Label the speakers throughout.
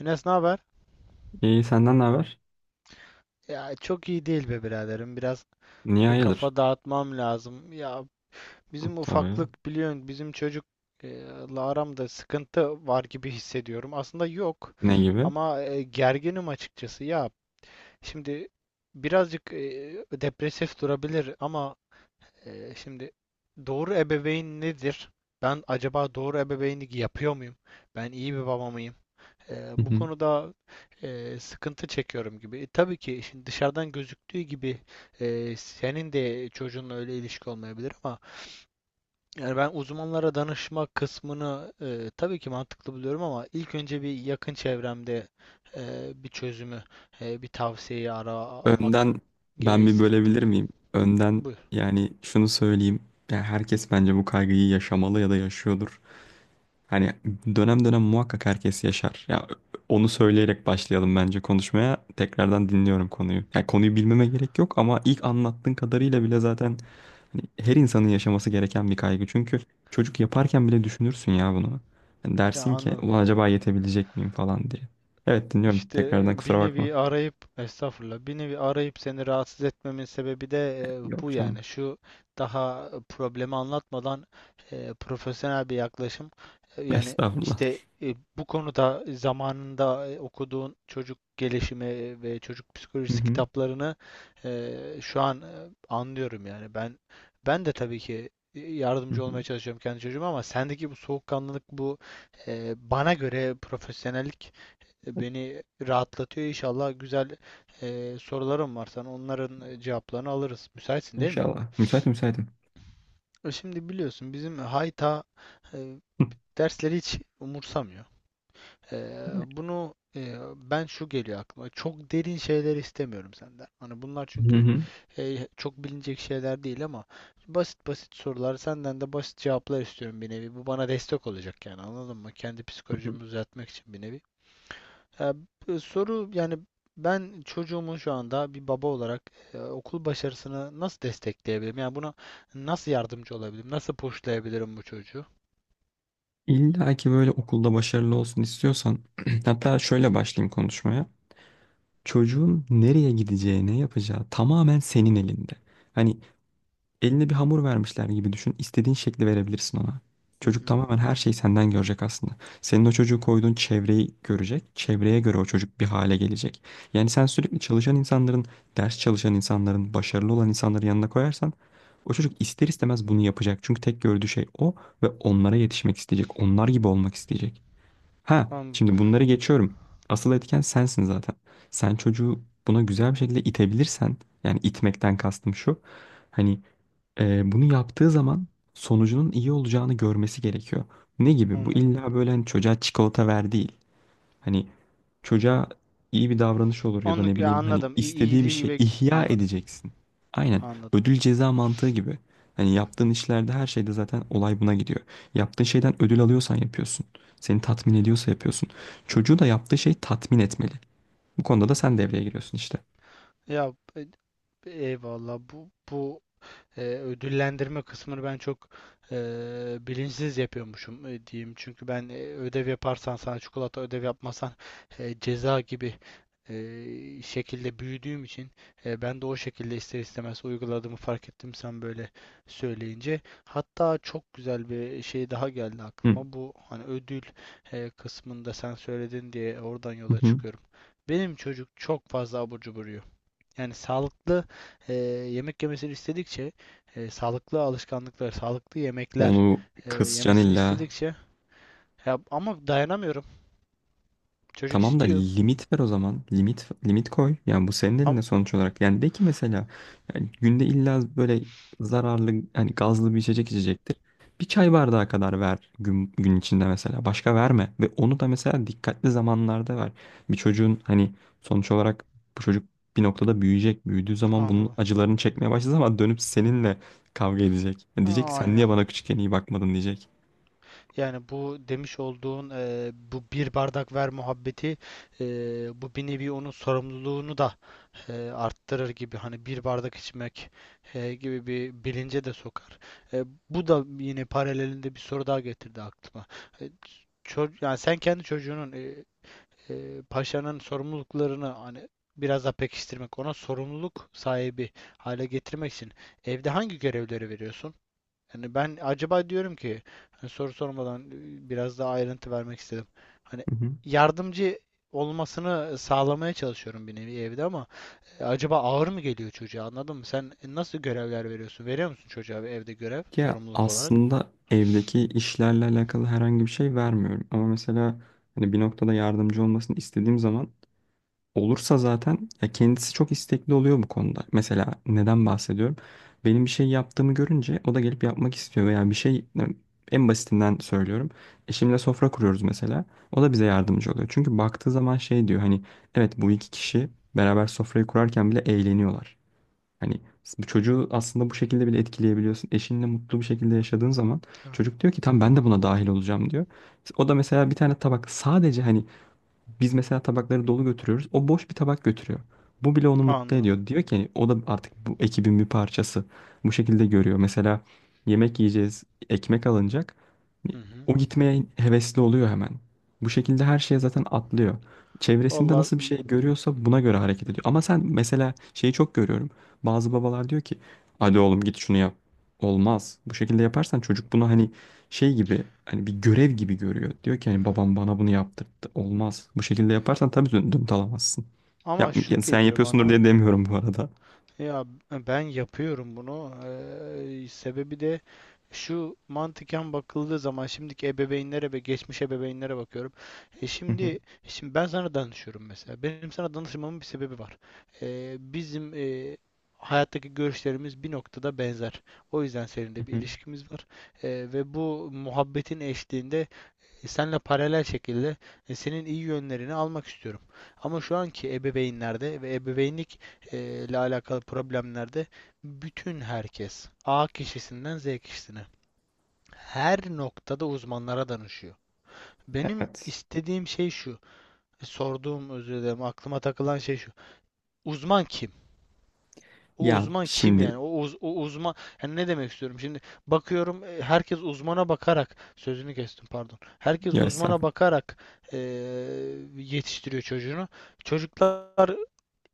Speaker 1: Enes ne haber?
Speaker 2: İyi senden ne haber?
Speaker 1: Ya çok iyi değil be biraderim. Biraz
Speaker 2: Niye hayırdır?
Speaker 1: kafa dağıtmam lazım. Ya bizim
Speaker 2: Tabii.
Speaker 1: ufaklık biliyorsun bizim çocuk la aramda sıkıntı var gibi hissediyorum. Aslında yok
Speaker 2: Ne gibi?
Speaker 1: ama gerginim açıkçası. Ya şimdi birazcık depresif durabilir ama şimdi doğru ebeveyn nedir? Ben acaba doğru ebeveynlik yapıyor muyum? Ben iyi bir baba mıyım?
Speaker 2: Hı
Speaker 1: Bu
Speaker 2: hı.
Speaker 1: konuda sıkıntı çekiyorum gibi. Tabii ki şimdi dışarıdan gözüktüğü gibi senin de çocuğunla öyle ilişki olmayabilir ama yani ben uzmanlara danışma kısmını tabii ki mantıklı buluyorum ama ilk önce bir yakın çevremde bir çözümü, bir tavsiyeyi aramak
Speaker 2: Önden
Speaker 1: gereği
Speaker 2: ben bir
Speaker 1: hissettim.
Speaker 2: bölebilir miyim? Önden
Speaker 1: Buyur.
Speaker 2: yani şunu söyleyeyim. Yani herkes bence bu kaygıyı yaşamalı ya da yaşıyordur. Hani dönem dönem muhakkak herkes yaşar. Ya onu söyleyerek başlayalım bence konuşmaya. Tekrardan dinliyorum konuyu. Yani konuyu bilmeme gerek yok ama ilk anlattığın kadarıyla bile zaten hani her insanın yaşaması gereken bir kaygı. Çünkü çocuk yaparken bile düşünürsün ya bunu. Yani
Speaker 1: Ya
Speaker 2: dersin ki
Speaker 1: anladım.
Speaker 2: ulan acaba yetebilecek miyim falan diye. Evet dinliyorum.
Speaker 1: İşte
Speaker 2: Tekrardan kusura
Speaker 1: bir
Speaker 2: bakma.
Speaker 1: nevi arayıp estağfurullah bir nevi arayıp seni rahatsız etmemin sebebi de
Speaker 2: Yok
Speaker 1: bu,
Speaker 2: canım.
Speaker 1: yani şu daha problemi anlatmadan profesyonel bir yaklaşım. Yani
Speaker 2: Estağfurullah.
Speaker 1: işte bu konuda zamanında okuduğun çocuk gelişimi ve çocuk
Speaker 2: Hı
Speaker 1: psikolojisi
Speaker 2: hı.
Speaker 1: kitaplarını şu an, anlıyorum yani ben ben de tabii ki
Speaker 2: Hı
Speaker 1: yardımcı olmaya
Speaker 2: hı.
Speaker 1: çalışıyorum kendi çocuğuma ama sendeki bu soğukkanlılık, bu bana göre profesyonellik beni rahatlatıyor. İnşallah güzel sorularım var sana. Onların cevaplarını alırız. Müsaitsin değil mi?
Speaker 2: İnşallah. Müsait müsaitim.
Speaker 1: Şimdi biliyorsun bizim hayta e,
Speaker 2: Hı
Speaker 1: dersleri hiç umursamıyor. E, Bunu ben, şu geliyor aklıma. Çok derin şeyler istemiyorum senden. Hani bunlar
Speaker 2: hı.
Speaker 1: çünkü
Speaker 2: Hı
Speaker 1: çok bilinecek şeyler değil ama basit basit sorular, senden de basit cevaplar istiyorum bir nevi. Bu bana destek olacak yani, anladın mı? Kendi
Speaker 2: hı.
Speaker 1: psikolojimi düzeltmek için bir nevi. Ee, Soru yani, ben çocuğumun şu anda bir baba olarak okul başarısını nasıl destekleyebilirim? Yani buna nasıl yardımcı olabilirim? Nasıl pushlayabilirim bu çocuğu?
Speaker 2: İlla ki böyle okulda başarılı olsun istiyorsan, hatta şöyle başlayayım konuşmaya. Çocuğun nereye gideceği, ne yapacağı tamamen senin elinde. Hani eline bir hamur vermişler gibi düşün. İstediğin şekli verebilirsin ona.
Speaker 1: Hı
Speaker 2: Çocuk
Speaker 1: hı.
Speaker 2: tamamen her şeyi senden görecek aslında. Senin o çocuğu koyduğun çevreyi görecek. Çevreye göre o çocuk bir hale gelecek. Yani sen sürekli çalışan insanların, ders çalışan insanların, başarılı olan insanların yanına koyarsan o çocuk ister istemez bunu yapacak. Çünkü tek gördüğü şey o ve onlara yetişmek isteyecek. Onlar gibi olmak isteyecek. Ha,
Speaker 1: Anladım.
Speaker 2: şimdi bunları geçiyorum. Asıl etken sensin zaten. Sen çocuğu buna güzel bir şekilde itebilirsen, yani itmekten kastım şu. Hani bunu yaptığı zaman sonucunun iyi olacağını görmesi gerekiyor. Ne gibi? Bu
Speaker 1: Anladım.
Speaker 2: illa böyle hani çocuğa çikolata ver değil. Hani çocuğa iyi bir davranış olur ya da ne
Speaker 1: Onu, ya
Speaker 2: bileyim hani
Speaker 1: anladım.
Speaker 2: istediği bir
Speaker 1: İyiliği
Speaker 2: şey
Speaker 1: ve
Speaker 2: ihya
Speaker 1: anladım.
Speaker 2: edeceksin. Aynen
Speaker 1: Anladım.
Speaker 2: ödül ceza mantığı gibi. Hani yaptığın işlerde her şeyde zaten olay buna gidiyor. Yaptığın şeyden ödül alıyorsan yapıyorsun. Seni tatmin ediyorsa yapıyorsun. Çocuğu da yaptığı şey tatmin etmeli. Bu konuda
Speaker 1: Hı
Speaker 2: da
Speaker 1: hı.
Speaker 2: sen devreye giriyorsun işte.
Speaker 1: Ya eyvallah, bu ödüllendirme kısmını ben çok e, bilinçsiz yapıyormuşum diyeyim. Çünkü ben ödev yaparsan sana çikolata, ödev yapmasan ceza gibi şekilde büyüdüğüm için ben de o şekilde ister istemez uyguladığımı fark ettim sen böyle söyleyince. Hatta çok güzel bir şey daha geldi
Speaker 2: Hı.
Speaker 1: aklıma. Bu, hani ödül kısmında sen söyledin diye oradan
Speaker 2: Hı
Speaker 1: yola
Speaker 2: hı.
Speaker 1: çıkıyorum. Benim çocuk çok fazla abur cubur yiyor. Yani sağlıklı e, yemek yemesini istedikçe, sağlıklı alışkanlıklar, sağlıklı yemekler
Speaker 2: Onu kısacaksın
Speaker 1: yemesini
Speaker 2: illa.
Speaker 1: istedikçe, ya ama dayanamıyorum. Çocuk
Speaker 2: Tamam da
Speaker 1: istiyor.
Speaker 2: limit ver o zaman. Limit koy. Yani bu senin
Speaker 1: Ama
Speaker 2: elinde sonuç olarak. Yani de ki mesela yani günde illa böyle zararlı hani gazlı bir içecek içecektir. Bir çay bardağı kadar ver gün, gün içinde mesela. Başka verme. Ve onu da mesela dikkatli zamanlarda ver. Bir çocuğun hani sonuç olarak bu çocuk bir noktada büyüyecek. Büyüdüğü zaman bunun
Speaker 1: anladım.
Speaker 2: acılarını çekmeye başladığı ama dönüp seninle kavga edecek. Yani diyecek ki
Speaker 1: Aa,
Speaker 2: sen
Speaker 1: aynen.
Speaker 2: niye bana küçükken iyi bakmadın diyecek.
Speaker 1: Yani bu demiş olduğun bu bir bardak ver muhabbeti, e, bu bir nevi onun sorumluluğunu da arttırır gibi, hani bir bardak içmek gibi bir bilince de sokar. E, Bu da yine paralelinde bir soru daha getirdi aklıma. E, Yani sen kendi çocuğunun paşanın sorumluluklarını hani biraz daha pekiştirmek, ona sorumluluk sahibi hale getirmek için evde hangi görevleri veriyorsun? Yani ben acaba diyorum ki, hani soru sormadan biraz daha ayrıntı vermek istedim. Hani yardımcı olmasını sağlamaya çalışıyorum bir nevi evde ama acaba ağır mı geliyor çocuğa, anladın mı? Sen nasıl görevler veriyorsun? Veriyor musun çocuğa, bir evde görev
Speaker 2: Ya
Speaker 1: sorumluluk olarak?
Speaker 2: aslında evdeki işlerle alakalı herhangi bir şey vermiyorum. Ama mesela hani bir noktada yardımcı olmasını istediğim zaman olursa zaten ya kendisi çok istekli oluyor bu konuda. Mesela neden bahsediyorum? Benim bir şey yaptığımı görünce o da gelip yapmak istiyor veya bir şey en basitinden söylüyorum. Eşimle sofra kuruyoruz mesela. O da bize yardımcı oluyor. Çünkü baktığı zaman şey diyor hani evet bu iki kişi beraber sofrayı kurarken bile eğleniyorlar. Hani bu çocuğu aslında bu şekilde bile etkileyebiliyorsun. Eşinle mutlu bir şekilde yaşadığın zaman
Speaker 1: Ha,
Speaker 2: çocuk diyor ki tam ben de buna dahil olacağım diyor. O da mesela bir tane tabak sadece hani biz mesela tabakları dolu götürüyoruz. O boş bir tabak götürüyor. Bu bile onu mutlu
Speaker 1: anladım.
Speaker 2: ediyor. Diyor ki hani o da artık bu ekibin bir parçası. Bu şekilde görüyor. Mesela yemek yiyeceğiz, ekmek alınacak.
Speaker 1: Hı hı.
Speaker 2: O gitmeye hevesli oluyor hemen. Bu şekilde her şeye zaten atlıyor. Çevresinde
Speaker 1: Valla,
Speaker 2: nasıl bir şey görüyorsa buna göre hareket ediyor. Ama sen mesela şeyi çok görüyorum. Bazı babalar diyor ki hadi oğlum git şunu yap. Olmaz. Bu şekilde yaparsan çocuk bunu hani şey gibi hani bir görev gibi görüyor. Diyor ki hani babam bana bunu yaptırdı. Olmaz. Bu şekilde yaparsan tabii dön dönüt alamazsın.
Speaker 1: ama
Speaker 2: Yap,
Speaker 1: şu
Speaker 2: yani sen
Speaker 1: geliyor
Speaker 2: yapıyorsundur
Speaker 1: bana.
Speaker 2: diye demiyorum bu arada.
Speaker 1: Ya ben yapıyorum bunu. Sebebi de şu, mantıken bakıldığı zaman şimdiki ebeveynlere ve geçmiş ebeveynlere bakıyorum. E,
Speaker 2: Hı hı,
Speaker 1: şimdi ben sana danışıyorum mesela. Benim sana danışmamın bir sebebi var. Bizim hayattaki görüşlerimiz bir noktada benzer. O yüzden
Speaker 2: hı
Speaker 1: seninle bir
Speaker 2: hı.
Speaker 1: ilişkimiz var. Ve bu muhabbetin eşliğinde senle paralel şekilde senin iyi yönlerini almak istiyorum. Ama şu anki ebeveynlerde ve ebeveynlik ile alakalı problemlerde bütün herkes A kişisinden Z kişisine her noktada uzmanlara danışıyor. Benim
Speaker 2: Evet.
Speaker 1: istediğim şey şu, e, sorduğum özür dilerim, aklıma takılan şey şu. Uzman kim? O
Speaker 2: Ya
Speaker 1: uzman kim
Speaker 2: şimdi
Speaker 1: yani? O uzman yani, ne demek istiyorum? Şimdi bakıyorum herkes uzmana bakarak, sözünü kestim pardon. Herkes
Speaker 2: ya
Speaker 1: uzmana
Speaker 2: estağfurullah.
Speaker 1: bakarak e, yetiştiriyor çocuğunu. Çocuklar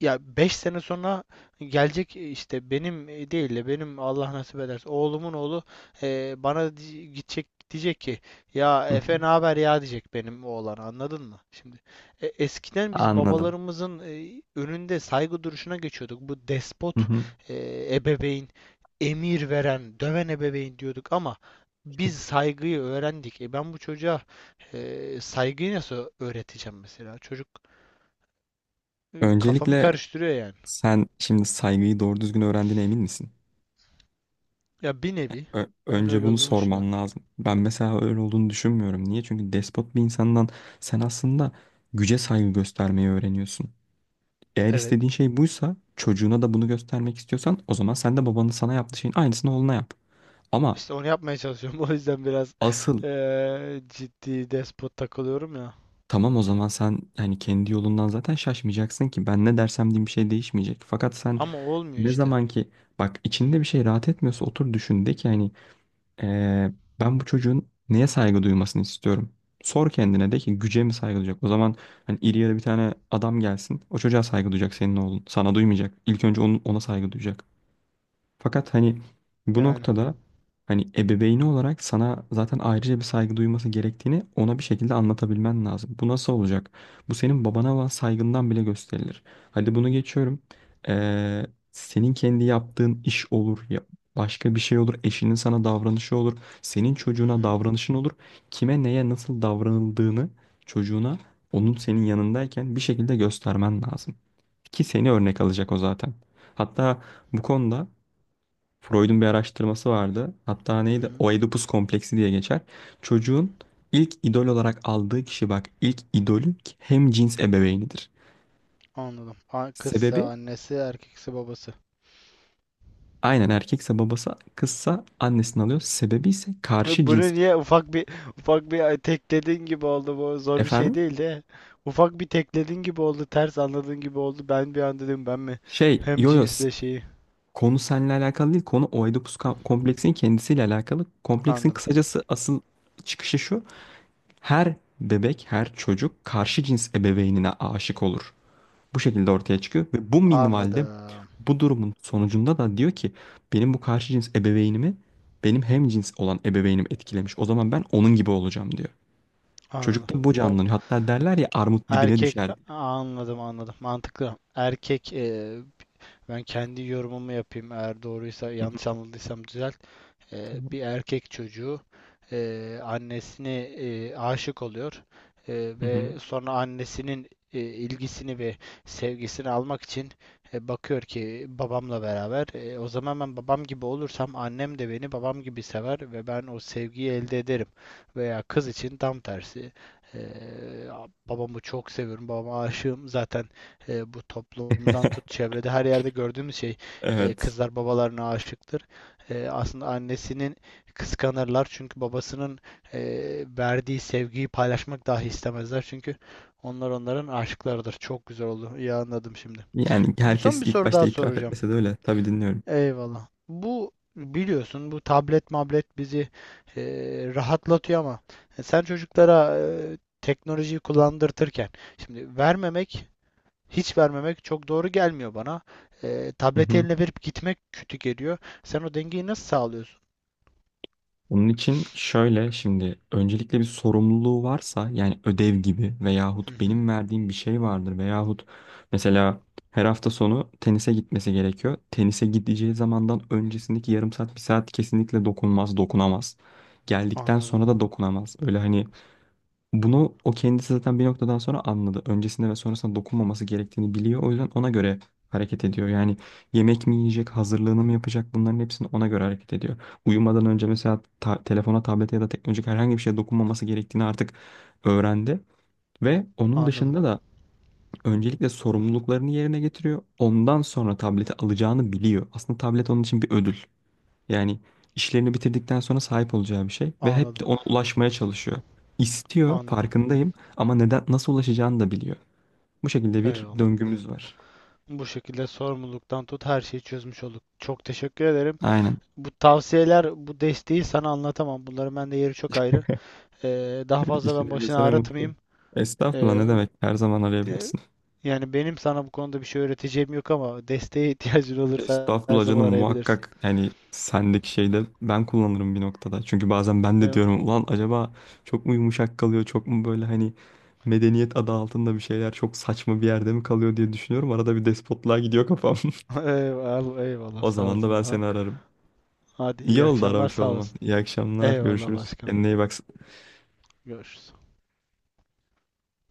Speaker 1: ya 5 sene sonra gelecek, değil de benim, Allah nasip ederse oğlumun oğlu gidecek, diyecek ki ya
Speaker 2: Hı hı.
Speaker 1: Efe ne haber ya, diyecek benim oğlan, anladın mı? Şimdi eskiden biz
Speaker 2: Anladım.
Speaker 1: babalarımızın önünde saygı duruşuna geçiyorduk. Bu
Speaker 2: Hı
Speaker 1: despot
Speaker 2: hı.
Speaker 1: ebeveyn, emir veren döven ebeveyn diyorduk ama biz saygıyı öğrendik. E, ben bu çocuğa saygıyı nasıl öğreteceğim mesela? Çocuk kafamı
Speaker 2: Öncelikle
Speaker 1: karıştırıyor yani.
Speaker 2: sen şimdi saygıyı doğru düzgün öğrendiğine emin misin?
Speaker 1: Ya bir nevi. Ben
Speaker 2: Önce
Speaker 1: öyle
Speaker 2: bunu
Speaker 1: olduğunu
Speaker 2: sorman
Speaker 1: düşünüyorum.
Speaker 2: lazım. Ben mesela öyle olduğunu düşünmüyorum. Niye? Çünkü despot bir insandan sen aslında güce saygı göstermeyi öğreniyorsun. Eğer
Speaker 1: Evet.
Speaker 2: istediğin şey buysa çocuğuna da bunu göstermek istiyorsan o zaman sen de babanın sana yaptığı şeyin aynısını oğluna yap. Ama
Speaker 1: İşte onu yapmaya çalışıyorum. O yüzden biraz
Speaker 2: asıl
Speaker 1: ciddi despot takılıyorum ya.
Speaker 2: tamam o zaman sen hani kendi yolundan zaten şaşmayacaksın ki ben ne dersem diyeyim bir şey değişmeyecek. Fakat sen
Speaker 1: Ama olmuyor
Speaker 2: ne
Speaker 1: işte.
Speaker 2: zaman ki bak içinde bir şey rahat etmiyorsa otur düşün de ki hani eee, ben bu çocuğun neye saygı duymasını istiyorum. Sor kendine de ki güce mi saygı duyacak? O zaman hani iri yarı bir tane adam gelsin o çocuğa saygı duyacak senin oğlun sana duymayacak. İlk önce onun, ona saygı duyacak. Fakat hani bu
Speaker 1: Yani.
Speaker 2: noktada hani ebeveyni olarak sana zaten ayrıca bir saygı duyması gerektiğini ona bir şekilde anlatabilmen lazım. Bu nasıl olacak? Bu senin babana olan saygından bile gösterilir. Hadi bunu geçiyorum. Ee, senin kendi yaptığın iş olur ya başka bir şey olur. Eşinin sana davranışı olur. Senin
Speaker 1: Hı
Speaker 2: çocuğuna
Speaker 1: hı.
Speaker 2: davranışın olur. Kime neye nasıl davranıldığını çocuğuna onun senin yanındayken bir şekilde göstermen lazım. Ki seni örnek alacak o zaten. Hatta bu konuda Freud'un bir araştırması vardı. Hatta
Speaker 1: Hı
Speaker 2: neydi?
Speaker 1: hı.
Speaker 2: Oedipus kompleksi diye geçer. Çocuğun ilk idol olarak aldığı kişi bak ilk idolü hem cins ebeveynidir.
Speaker 1: Anladım. Kızsa
Speaker 2: Sebebi
Speaker 1: annesi, erkekse babası.
Speaker 2: aynen erkekse babası kızsa annesinden alıyor. Sebebi ise karşı
Speaker 1: Bunu
Speaker 2: cins.
Speaker 1: niye ufak bir tekledin gibi oldu, bu zor bir şey
Speaker 2: Efendim?
Speaker 1: değil de ufak bir tekledin gibi oldu, ters anladığın gibi oldu, ben bir an dedim ben mi
Speaker 2: Şey
Speaker 1: hem
Speaker 2: yo-yo s-
Speaker 1: cinsle şeyi,
Speaker 2: Konu seninle alakalı değil. Konu kompleksinin kendisiyle alakalı. Kompleksin
Speaker 1: anladım.
Speaker 2: kısacası asıl çıkışı şu. Her bebek, her çocuk karşı cins ebeveynine aşık olur. Bu şekilde ortaya çıkıyor ve bu minvalde
Speaker 1: Anladım
Speaker 2: bu durumun sonucunda da diyor ki benim bu karşı cins ebeveynimi benim hem cins olan ebeveynim etkilemiş. O zaman ben onun gibi olacağım diyor.
Speaker 1: anladım.
Speaker 2: Çocukta bu
Speaker 1: Ba-
Speaker 2: canlanıyor. Hatta derler ya armut dibine
Speaker 1: Erkek,
Speaker 2: düşer diye.
Speaker 1: anladım. Anladım. Mantıklı. Erkek ben kendi yorumumu yapayım. Eğer doğruysa,
Speaker 2: Hı
Speaker 1: yanlış anladıysam düzelt.
Speaker 2: hı.
Speaker 1: Bir erkek çocuğu annesine aşık oluyor.
Speaker 2: Hı
Speaker 1: Ve
Speaker 2: hı.
Speaker 1: sonra annesinin ilgisini ve sevgisini almak için bakıyor ki babamla beraber, o zaman ben babam gibi olursam annem de beni babam gibi sever ve ben o sevgiyi elde ederim. Veya kız için tam tersi. Eee, Babamı çok seviyorum, babama aşığım zaten, bu toplumdan tut çevrede her yerde gördüğümüz şey,
Speaker 2: Evet.
Speaker 1: kızlar babalarına aşıktır. Aslında annesinin kıskanırlar, çünkü babasının e, verdiği sevgiyi paylaşmak dahi istemezler çünkü onlar onların aşıklarıdır. Çok güzel oldu. İyi anladım şimdi.
Speaker 2: Yani
Speaker 1: Bir son
Speaker 2: herkes
Speaker 1: bir
Speaker 2: ilk
Speaker 1: soru
Speaker 2: başta
Speaker 1: daha
Speaker 2: itiraf
Speaker 1: soracağım.
Speaker 2: etmese de öyle. Tabii dinliyorum.
Speaker 1: Eyvallah. Bu biliyorsun bu tablet mablet bizi e, rahatlatıyor ama sen çocuklara teknolojiyi kullandırtırken, şimdi vermemek, hiç vermemek çok doğru gelmiyor bana.
Speaker 2: Hı
Speaker 1: Tableti
Speaker 2: hı.
Speaker 1: eline verip gitmek kötü geliyor. Sen o dengeyi nasıl sağlıyorsun?
Speaker 2: Onun için şöyle şimdi öncelikle bir sorumluluğu varsa yani ödev gibi
Speaker 1: Hı
Speaker 2: veyahut
Speaker 1: hı,
Speaker 2: benim verdiğim bir şey vardır veyahut mesela her hafta sonu tenise gitmesi gerekiyor. Tenise gideceği zamandan öncesindeki yarım saat bir saat kesinlikle dokunmaz, dokunamaz. Geldikten
Speaker 1: anladım,
Speaker 2: sonra da dokunamaz. Öyle hani bunu o kendisi zaten bir noktadan sonra anladı. Öncesinde ve sonrasında dokunmaması gerektiğini biliyor. O yüzden ona göre hareket ediyor. Yani yemek mi yiyecek, hazırlığını mı yapacak bunların hepsini ona göre hareket ediyor. Uyumadan önce mesela telefona, tablete ya da teknolojik herhangi bir şeye dokunmaması gerektiğini artık öğrendi. Ve onun
Speaker 1: anladım,
Speaker 2: dışında da öncelikle sorumluluklarını yerine getiriyor. Ondan sonra tableti alacağını biliyor. Aslında tablet onun için bir ödül. Yani işlerini bitirdikten sonra sahip olacağı bir şey ve hep
Speaker 1: anladım,
Speaker 2: de ona ulaşmaya çalışıyor. İstiyor,
Speaker 1: anladım.
Speaker 2: farkındayım ama neden nasıl ulaşacağını da biliyor. Bu şekilde bir
Speaker 1: Eyvallah.
Speaker 2: döngümüz var.
Speaker 1: Bu şekilde sorumluluktan tut her şeyi çözmüş olduk. Çok teşekkür ederim.
Speaker 2: Aynen.
Speaker 1: Bu tavsiyeler, bu desteği sana anlatamam. Bunların bende yeri çok ayrı. Daha
Speaker 2: E,
Speaker 1: fazla
Speaker 2: İşin
Speaker 1: ben başını
Speaker 2: ehliyse ne mutlu.
Speaker 1: ağrıtmayayım. Ee,
Speaker 2: Estağfurullah ne demek? Her zaman
Speaker 1: de-
Speaker 2: arayabilirsin.
Speaker 1: Yani benim sana bu konuda bir şey öğreteceğim yok ama desteğe ihtiyacın olursa her
Speaker 2: Estağfurullah
Speaker 1: zaman
Speaker 2: canım
Speaker 1: arayabilirsin.
Speaker 2: muhakkak yani sendeki şeyde ben kullanırım bir noktada. Çünkü bazen ben de
Speaker 1: Eyvallah,
Speaker 2: diyorum ulan acaba çok mu yumuşak kalıyor çok mu böyle hani medeniyet adı altında bir şeyler çok saçma bir yerde mi kalıyor diye düşünüyorum. Arada bir despotluğa gidiyor kafam.
Speaker 1: eyvallah, eyvallah,
Speaker 2: O
Speaker 1: sağ
Speaker 2: zaman da
Speaker 1: olasın.
Speaker 2: ben
Speaker 1: Ha.
Speaker 2: seni ararım.
Speaker 1: Hadi
Speaker 2: İyi
Speaker 1: iyi
Speaker 2: oldu
Speaker 1: akşamlar,
Speaker 2: aramış
Speaker 1: sağ
Speaker 2: olman.
Speaker 1: olasın.
Speaker 2: İyi akşamlar.
Speaker 1: Eyvallah
Speaker 2: Görüşürüz.
Speaker 1: başkanım.
Speaker 2: Kendine iyi bak.
Speaker 1: Görüşürüz.